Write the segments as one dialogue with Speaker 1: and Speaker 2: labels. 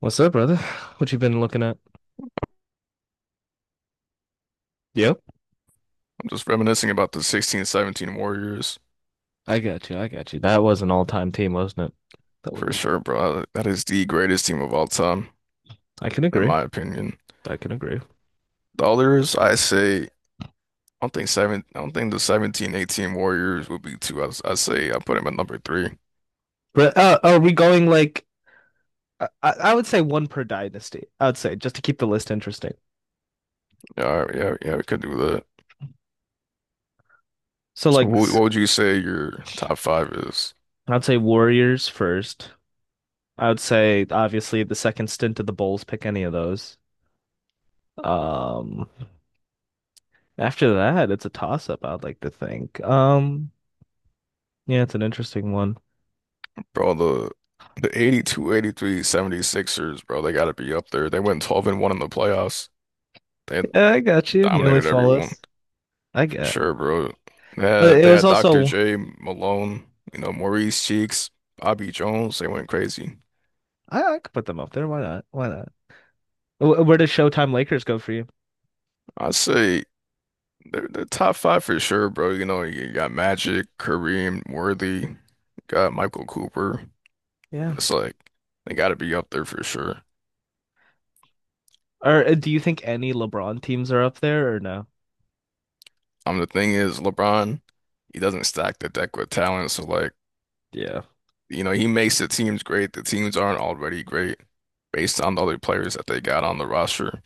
Speaker 1: What's up, brother? What you been looking at? Yep,
Speaker 2: I'm just reminiscing about the 16-17 Warriors
Speaker 1: I got you. I got you. That was an all-time team, wasn't it? That was.
Speaker 2: for sure, bro. That is the greatest team of all time,
Speaker 1: I can
Speaker 2: in
Speaker 1: agree.
Speaker 2: my opinion.
Speaker 1: I can agree.
Speaker 2: The others, I say, I don't think seven. I don't think the 17-18 Warriors would be two. I say I put them at number three.
Speaker 1: But are we going like? I would say one per dynasty. I would say just to keep the list interesting.
Speaker 2: Yeah, all right, yeah, yeah. We could do that.
Speaker 1: So
Speaker 2: So,
Speaker 1: like,
Speaker 2: what,
Speaker 1: s-
Speaker 2: what would you say your top five is,
Speaker 1: I'd say Warriors first. I would say obviously the second stint of the Bulls. Pick any of those. Um, After that, it's a toss-up. I'd like to think. Yeah, it's an interesting one.
Speaker 2: bro? The 82, 83, 76ers, bro. They got to be up there. They went 12 and one in the playoffs. They
Speaker 1: Yeah, I got you. Nearly
Speaker 2: dominated everyone.
Speaker 1: flawless. I
Speaker 2: For
Speaker 1: guess.
Speaker 2: sure, bro. They
Speaker 1: But
Speaker 2: had,
Speaker 1: it
Speaker 2: they
Speaker 1: was
Speaker 2: had Dr.
Speaker 1: also
Speaker 2: J, Malone, Maurice Cheeks, Bobby Jones. They went crazy.
Speaker 1: I could put them up there. Why not? Why not? Where does Showtime Lakers go for you?
Speaker 2: I'd say they're top five for sure, bro. You got Magic, Kareem, Worthy, got Michael Cooper.
Speaker 1: Yeah.
Speaker 2: It's like they got to be up there for sure.
Speaker 1: Or do you think any LeBron teams are up there or no?
Speaker 2: The thing is, LeBron, he doesn't stack the deck with talent. So, like,
Speaker 1: Yeah.
Speaker 2: he makes the teams great. The teams aren't already great based on the other players that they got on the roster,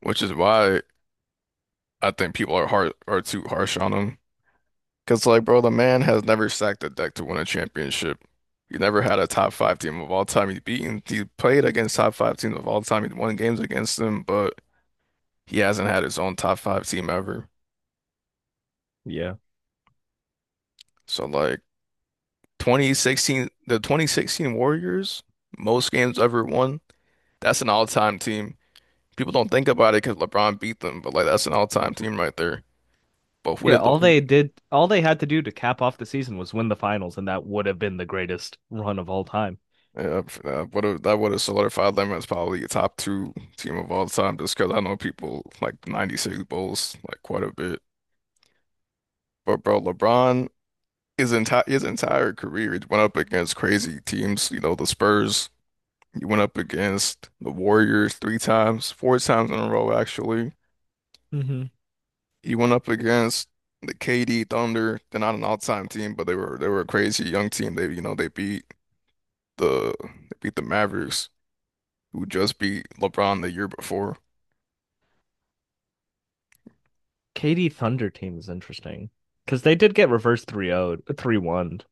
Speaker 2: which is why. I think people are too harsh on him. Cause like, bro, the man has never sacked a deck to win a championship. He never had a top five team of all time. He's beaten. He played against top five teams of all time. He won games against them, but he hasn't had his own top five team ever.
Speaker 1: Yeah.
Speaker 2: So like 2016, the 2016 Warriors, most games ever won. That's an all-time team. People don't think about it because LeBron beat them, but like that's an all-time team right there. But who
Speaker 1: Yeah,
Speaker 2: did
Speaker 1: all
Speaker 2: who.
Speaker 1: they did, all they had to do to cap off the season was win the finals, and that would have been the greatest run of all time.
Speaker 2: Yeah, that would have solidified them as probably a top two team of all time, just because I know people like '96 Bulls like quite a bit. But bro, LeBron his entire career he went up against crazy teams. The Spurs. He went up against the Warriors three times, four times in a row actually.
Speaker 1: Mm-hmm.
Speaker 2: He went up against the KD Thunder. They're not an all-time team, but they were a crazy young team. They they beat the Mavericks, who just beat LeBron the year before.
Speaker 1: KD Thunder team is interesting because they did get reversed 3-0, 3-1,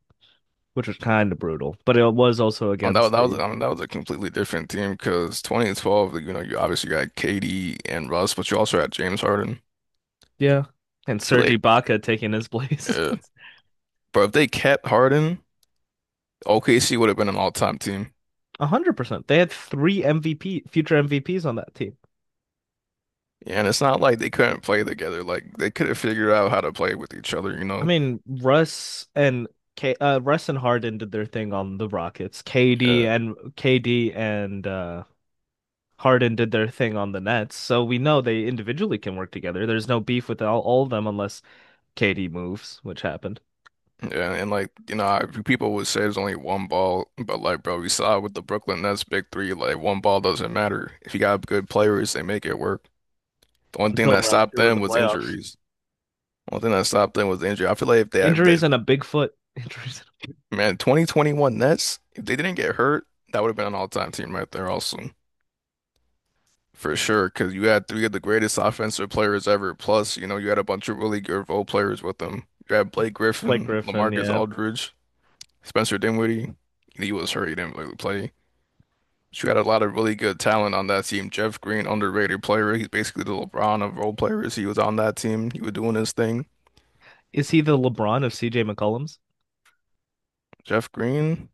Speaker 1: which was kind of brutal, but it was also
Speaker 2: Oh, that was
Speaker 1: against
Speaker 2: that was
Speaker 1: the
Speaker 2: I mean, that was a completely different team because 2012, you obviously got KD and Russ, but you also had James Harden.
Speaker 1: yeah, and
Speaker 2: I feel
Speaker 1: Serge
Speaker 2: like,
Speaker 1: Ibaka taking his place.
Speaker 2: yeah. But if they kept Harden, OKC would have been an all-time team.
Speaker 1: 100%. They had three MVP future MVPs on that team.
Speaker 2: Yeah, and it's not like they couldn't play together. Like they could have figured out how to play with each other, you
Speaker 1: I
Speaker 2: know.
Speaker 1: mean, Russ and Harden did their thing on the Rockets. KD
Speaker 2: Yeah,
Speaker 1: and KD and uh, Harden did their thing on the Nets. So we know they individually can work together. There's no beef with all of them unless KD moves, which happened
Speaker 2: yeah, and like people would say there's only one ball, but like, bro, we saw with the Brooklyn Nets big three, like one ball doesn't matter. If you got good players, they make it work. The only thing
Speaker 1: until
Speaker 2: that
Speaker 1: round
Speaker 2: stopped
Speaker 1: two of
Speaker 2: them
Speaker 1: the
Speaker 2: was
Speaker 1: playoffs.
Speaker 2: injuries. One thing that stopped them was the injury. I feel like if they
Speaker 1: Injuries and a big foot. Injuries and
Speaker 2: man, 2021 Nets, if they didn't get hurt, that would have been an all-time team right there also. For sure, because you had three of the greatest offensive players ever. Plus, you had a bunch of really good role players with them. You had Blake
Speaker 1: a Blake
Speaker 2: Griffin,
Speaker 1: Griffin.
Speaker 2: LaMarcus
Speaker 1: Yeah,
Speaker 2: Aldridge, Spencer Dinwiddie. He was hurt, he didn't really play. But you had a lot of really good talent on that team. Jeff Green, underrated player. He's basically the LeBron of role players. He was on that team. He was doing his thing.
Speaker 1: is he the LeBron of CJ McCollum's?
Speaker 2: Jeff Green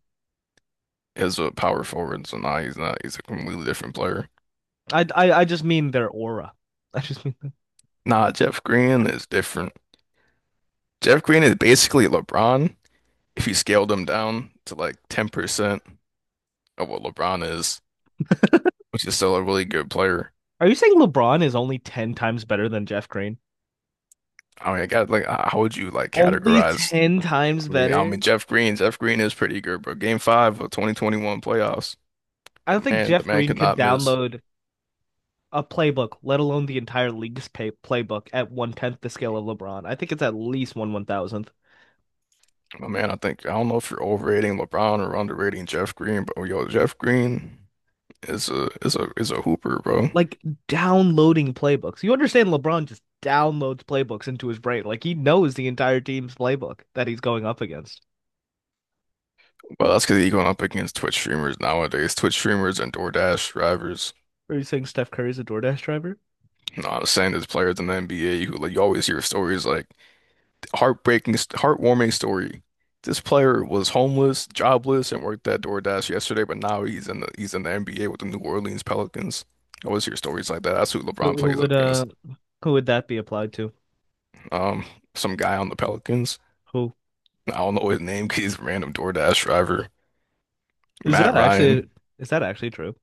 Speaker 2: as a power forward, so now he's not. He's a completely different player.
Speaker 1: I just mean their aura. I just mean.
Speaker 2: Nah, Jeff Green is different. Jeff Green is basically LeBron if you scaled him down to like 10% of what LeBron is, which is still a really good player.
Speaker 1: Are you saying LeBron is only 10 times better than Jeff Green?
Speaker 2: I mean, I got like, how would you like
Speaker 1: Only
Speaker 2: categorize?
Speaker 1: 10 times
Speaker 2: I mean, I
Speaker 1: better.
Speaker 2: mean Jeff Green. Jeff Green is pretty good, bro. Game five of 2021 playoffs.
Speaker 1: I don't
Speaker 2: The
Speaker 1: think
Speaker 2: man, the
Speaker 1: Jeff
Speaker 2: man
Speaker 1: Green
Speaker 2: could
Speaker 1: could
Speaker 2: not miss.
Speaker 1: download a playbook, let alone the entire league's playbook, at one tenth the scale of LeBron. I think it's at least one one thousandth.
Speaker 2: My man, I think I don't know if you're overrating LeBron or underrating Jeff Green, but yo, Jeff Green is a hooper, bro.
Speaker 1: Like downloading playbooks. You understand LeBron just downloads playbooks into his brain. Like he knows the entire team's playbook that he's going up against.
Speaker 2: Well, that's because he's going up against Twitch streamers nowadays. Twitch streamers and DoorDash drivers.
Speaker 1: Are you saying Steph Curry's a DoorDash driver?
Speaker 2: No, I was saying there's players in the NBA who like you always hear stories like heartbreaking, heartwarming story. This player was homeless, jobless, and worked at DoorDash yesterday, but now he's in the NBA with the New Orleans Pelicans. I always hear stories like that. That's who
Speaker 1: Who,
Speaker 2: LeBron
Speaker 1: who
Speaker 2: plays
Speaker 1: would uh
Speaker 2: against.
Speaker 1: who would that be applied to?
Speaker 2: Um, some guy on the Pelicans.
Speaker 1: Who
Speaker 2: I don't know his name because he's a random DoorDash driver.
Speaker 1: is
Speaker 2: Matt
Speaker 1: that actually?
Speaker 2: Ryan.
Speaker 1: Is that actually true?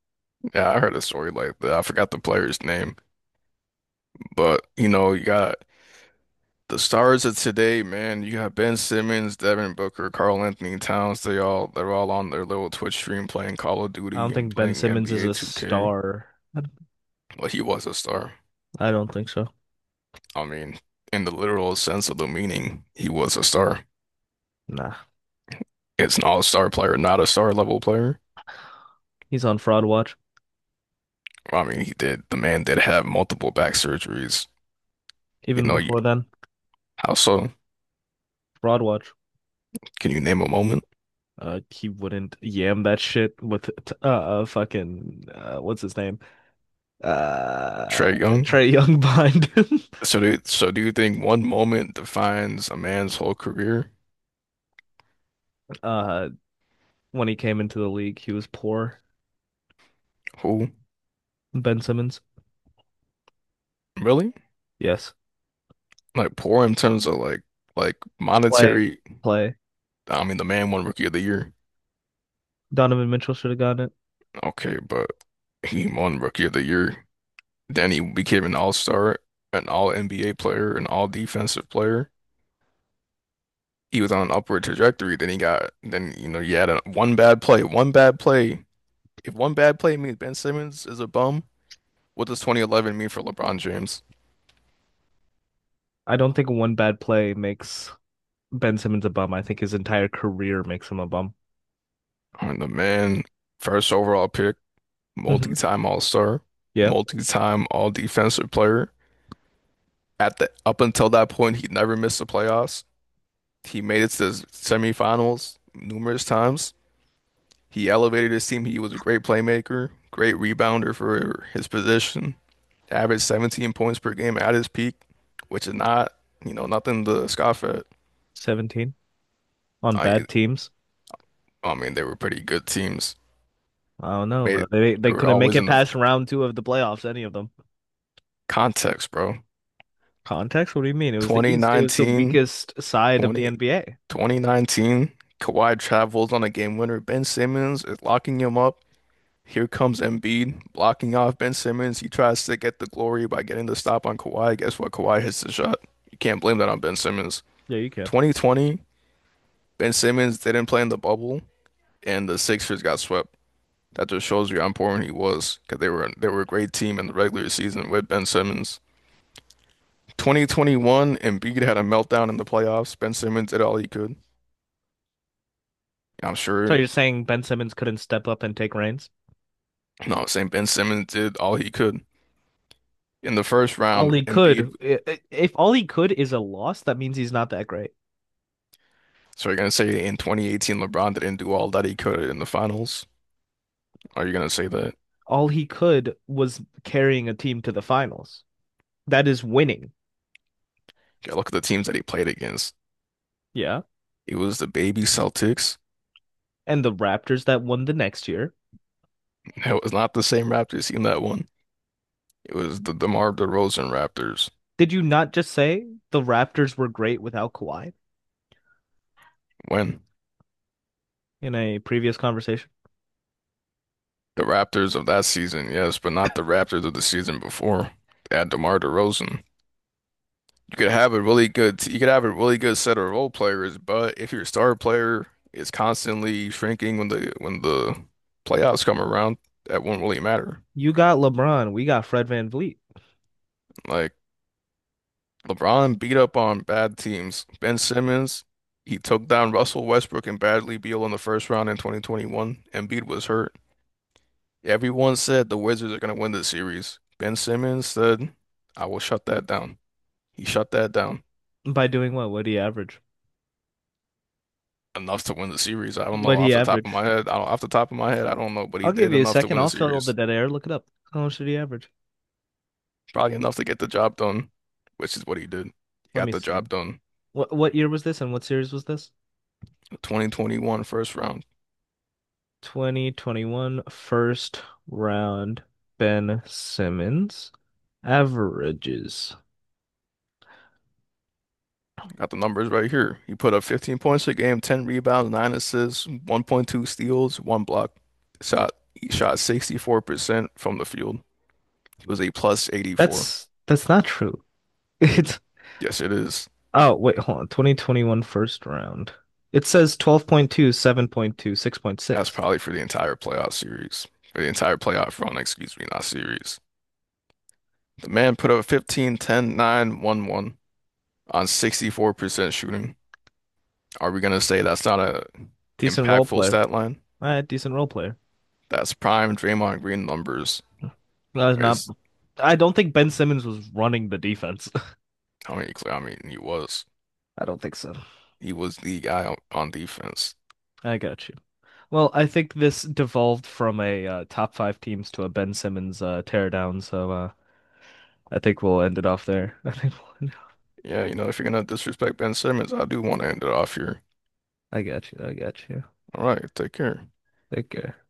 Speaker 2: Yeah, I heard a story like that. I forgot the player's name, but you got. The stars of today, man, you got Ben Simmons, Devin Booker, Karl Anthony Towns. They're all on their little Twitch stream playing Call of
Speaker 1: I don't
Speaker 2: Duty and
Speaker 1: think Ben
Speaker 2: playing
Speaker 1: Simmons is
Speaker 2: NBA
Speaker 1: a
Speaker 2: 2K.
Speaker 1: star. I don't
Speaker 2: Well, he was a star.
Speaker 1: I don't think so.
Speaker 2: I mean, in the literal sense of the meaning, he was a star.
Speaker 1: Nah,
Speaker 2: It's an all-star player, not a star level player.
Speaker 1: he's on Fraud Watch.
Speaker 2: I mean, he did. The man did have multiple back surgeries. You
Speaker 1: Even
Speaker 2: know, you.
Speaker 1: before then,
Speaker 2: How so?
Speaker 1: Fraud Watch.
Speaker 2: Can you name a moment?
Speaker 1: He wouldn't yam that shit with fucking what's his name? Uh,
Speaker 2: Trey Young.
Speaker 1: Trey Young behind him.
Speaker 2: So do you think one moment defines a man's whole career?
Speaker 1: Uh, when he came into the league, he was poor.
Speaker 2: Who?
Speaker 1: Ben Simmons,
Speaker 2: Really?
Speaker 1: yes,
Speaker 2: Like poor in terms of like
Speaker 1: play,
Speaker 2: monetary.
Speaker 1: play.
Speaker 2: I mean, the man won Rookie of the Year.
Speaker 1: Donovan Mitchell should have gotten it.
Speaker 2: Okay, but he won Rookie of the Year. Then he became an All-Star, an All-NBA player, an All-Defensive player. He was on an upward trajectory. Then he got, then you had one bad play, one bad play. If one bad play means Ben Simmons is a bum, what does 2011 mean for LeBron James?
Speaker 1: I don't think one bad play makes Ben Simmons a bum. I think his entire career makes him a bum.
Speaker 2: I mean, the man, first overall pick,
Speaker 1: Hmm,
Speaker 2: multi-time All-Star,
Speaker 1: yeah,
Speaker 2: multi-time All-Defensive player at the up until that point, he never missed the playoffs. He made it to the semifinals numerous times. He elevated his team. He was a great playmaker, great rebounder for his position. Averaged 17 points per game at his peak, which is not, nothing to scoff at.
Speaker 1: 17 on
Speaker 2: I,
Speaker 1: bad teams.
Speaker 2: I mean, they were pretty good teams.
Speaker 1: I don't know,
Speaker 2: Made
Speaker 1: bro.
Speaker 2: it,
Speaker 1: They
Speaker 2: they were
Speaker 1: couldn't make
Speaker 2: always
Speaker 1: it
Speaker 2: in the
Speaker 1: past round two of the playoffs, any of them.
Speaker 2: context, bro.
Speaker 1: Context? What do you mean? It was the
Speaker 2: Twenty
Speaker 1: East. It was the
Speaker 2: nineteen,
Speaker 1: weakest side of the
Speaker 2: 20
Speaker 1: NBA.
Speaker 2: 2019. Kawhi travels on a game winner. Ben Simmons is locking him up. Here comes Embiid blocking off Ben Simmons. He tries to get the glory by getting the stop on Kawhi. Guess what? Kawhi hits the shot. You can't blame that on Ben Simmons.
Speaker 1: Yeah, you can.
Speaker 2: 2020, Ben Simmons didn't play in the bubble, and the Sixers got swept. That just shows you how important he was because they were a great team in the regular season with Ben Simmons. 2021, Embiid had a meltdown in the playoffs. Ben Simmons did all he could. I'm
Speaker 1: So
Speaker 2: sure,
Speaker 1: you're saying Ben Simmons couldn't step up and take reins?
Speaker 2: no, I'm saying Ben Simmons did all he could. In the first
Speaker 1: All
Speaker 2: round,
Speaker 1: he
Speaker 2: Embiid.
Speaker 1: could, I- if all he could is a loss, that means he's not that great.
Speaker 2: So you're gonna say in 2018 LeBron didn't do all that he could in the finals? Are you gonna say that?
Speaker 1: All he could was carrying a team to the finals. That is winning.
Speaker 2: Yeah, look at the teams that he played against.
Speaker 1: Yeah.
Speaker 2: It was the baby Celtics.
Speaker 1: And the Raptors that won the next year.
Speaker 2: It was not the same Raptors team that won. It was the DeMar DeRozan Raptors.
Speaker 1: Did you not just say the Raptors were great without Kawhi
Speaker 2: When?
Speaker 1: in a previous conversation?
Speaker 2: The Raptors of that season, yes, but not the Raptors of the season before. They had DeMar DeRozan. You could have a really good, you could have a really good set of role players, but if your star player is constantly shrinking when the playoffs come around, that won't really matter.
Speaker 1: You got LeBron. We got Fred VanVleet.
Speaker 2: Like. LeBron beat up on bad teams. Ben Simmons, he took down Russell Westbrook and Bradley Beal in the first round in 2021. Embiid was hurt. Everyone said the Wizards are going to win this series. Ben Simmons said, I will shut that down. He shut that down
Speaker 1: By doing what? What did he average?
Speaker 2: enough to win the series. I don't know
Speaker 1: What he
Speaker 2: off the top of my
Speaker 1: average?
Speaker 2: head. I don't, off the top of my head, I don't know, but he
Speaker 1: I'll give
Speaker 2: did
Speaker 1: you a
Speaker 2: enough to
Speaker 1: second.
Speaker 2: win the
Speaker 1: I'll fill the
Speaker 2: series.
Speaker 1: dead air. Look it up. How much did he average?
Speaker 2: Probably enough to get the job done, which is what he did. He
Speaker 1: Let me
Speaker 2: got the
Speaker 1: see.
Speaker 2: job done.
Speaker 1: What year was this and what series was this?
Speaker 2: 2021 first round.
Speaker 1: 2021 first round Ben Simmons averages.
Speaker 2: Got the numbers right here. He put up 15 points a game, 10 rebounds, 9 assists, 1.2 steals, 1 block. Shot he shot 64% from the field. It was a plus 84.
Speaker 1: That's not true. It's
Speaker 2: Yes, it is.
Speaker 1: Oh, wait, hold on. 2021 first round. It says 12.2, 7.2, six point
Speaker 2: That's
Speaker 1: six.
Speaker 2: probably for the entire playoff series. For the entire playoff run, excuse me, not series. The man put up 15, 10, 9, 1, 1 on 64% shooting. Are we gonna say that's not a
Speaker 1: Decent role
Speaker 2: impactful
Speaker 1: player.
Speaker 2: stat line?
Speaker 1: Decent role player.
Speaker 2: That's prime Draymond Green numbers.
Speaker 1: I was not.
Speaker 2: Is
Speaker 1: I don't think Ben Simmons was running the defense.
Speaker 2: how many clear, I mean, he was.
Speaker 1: I don't think so.
Speaker 2: He was the guy on defense.
Speaker 1: I got you. Well, I think this devolved from a top five teams to a Ben Simmons teardown, so I think we'll end it off there. I think we'll end
Speaker 2: Yeah, if you're gonna disrespect Ben Simmons, I do want to end it off here.
Speaker 1: it. I got you. I got you.
Speaker 2: All right, take care.
Speaker 1: Take care.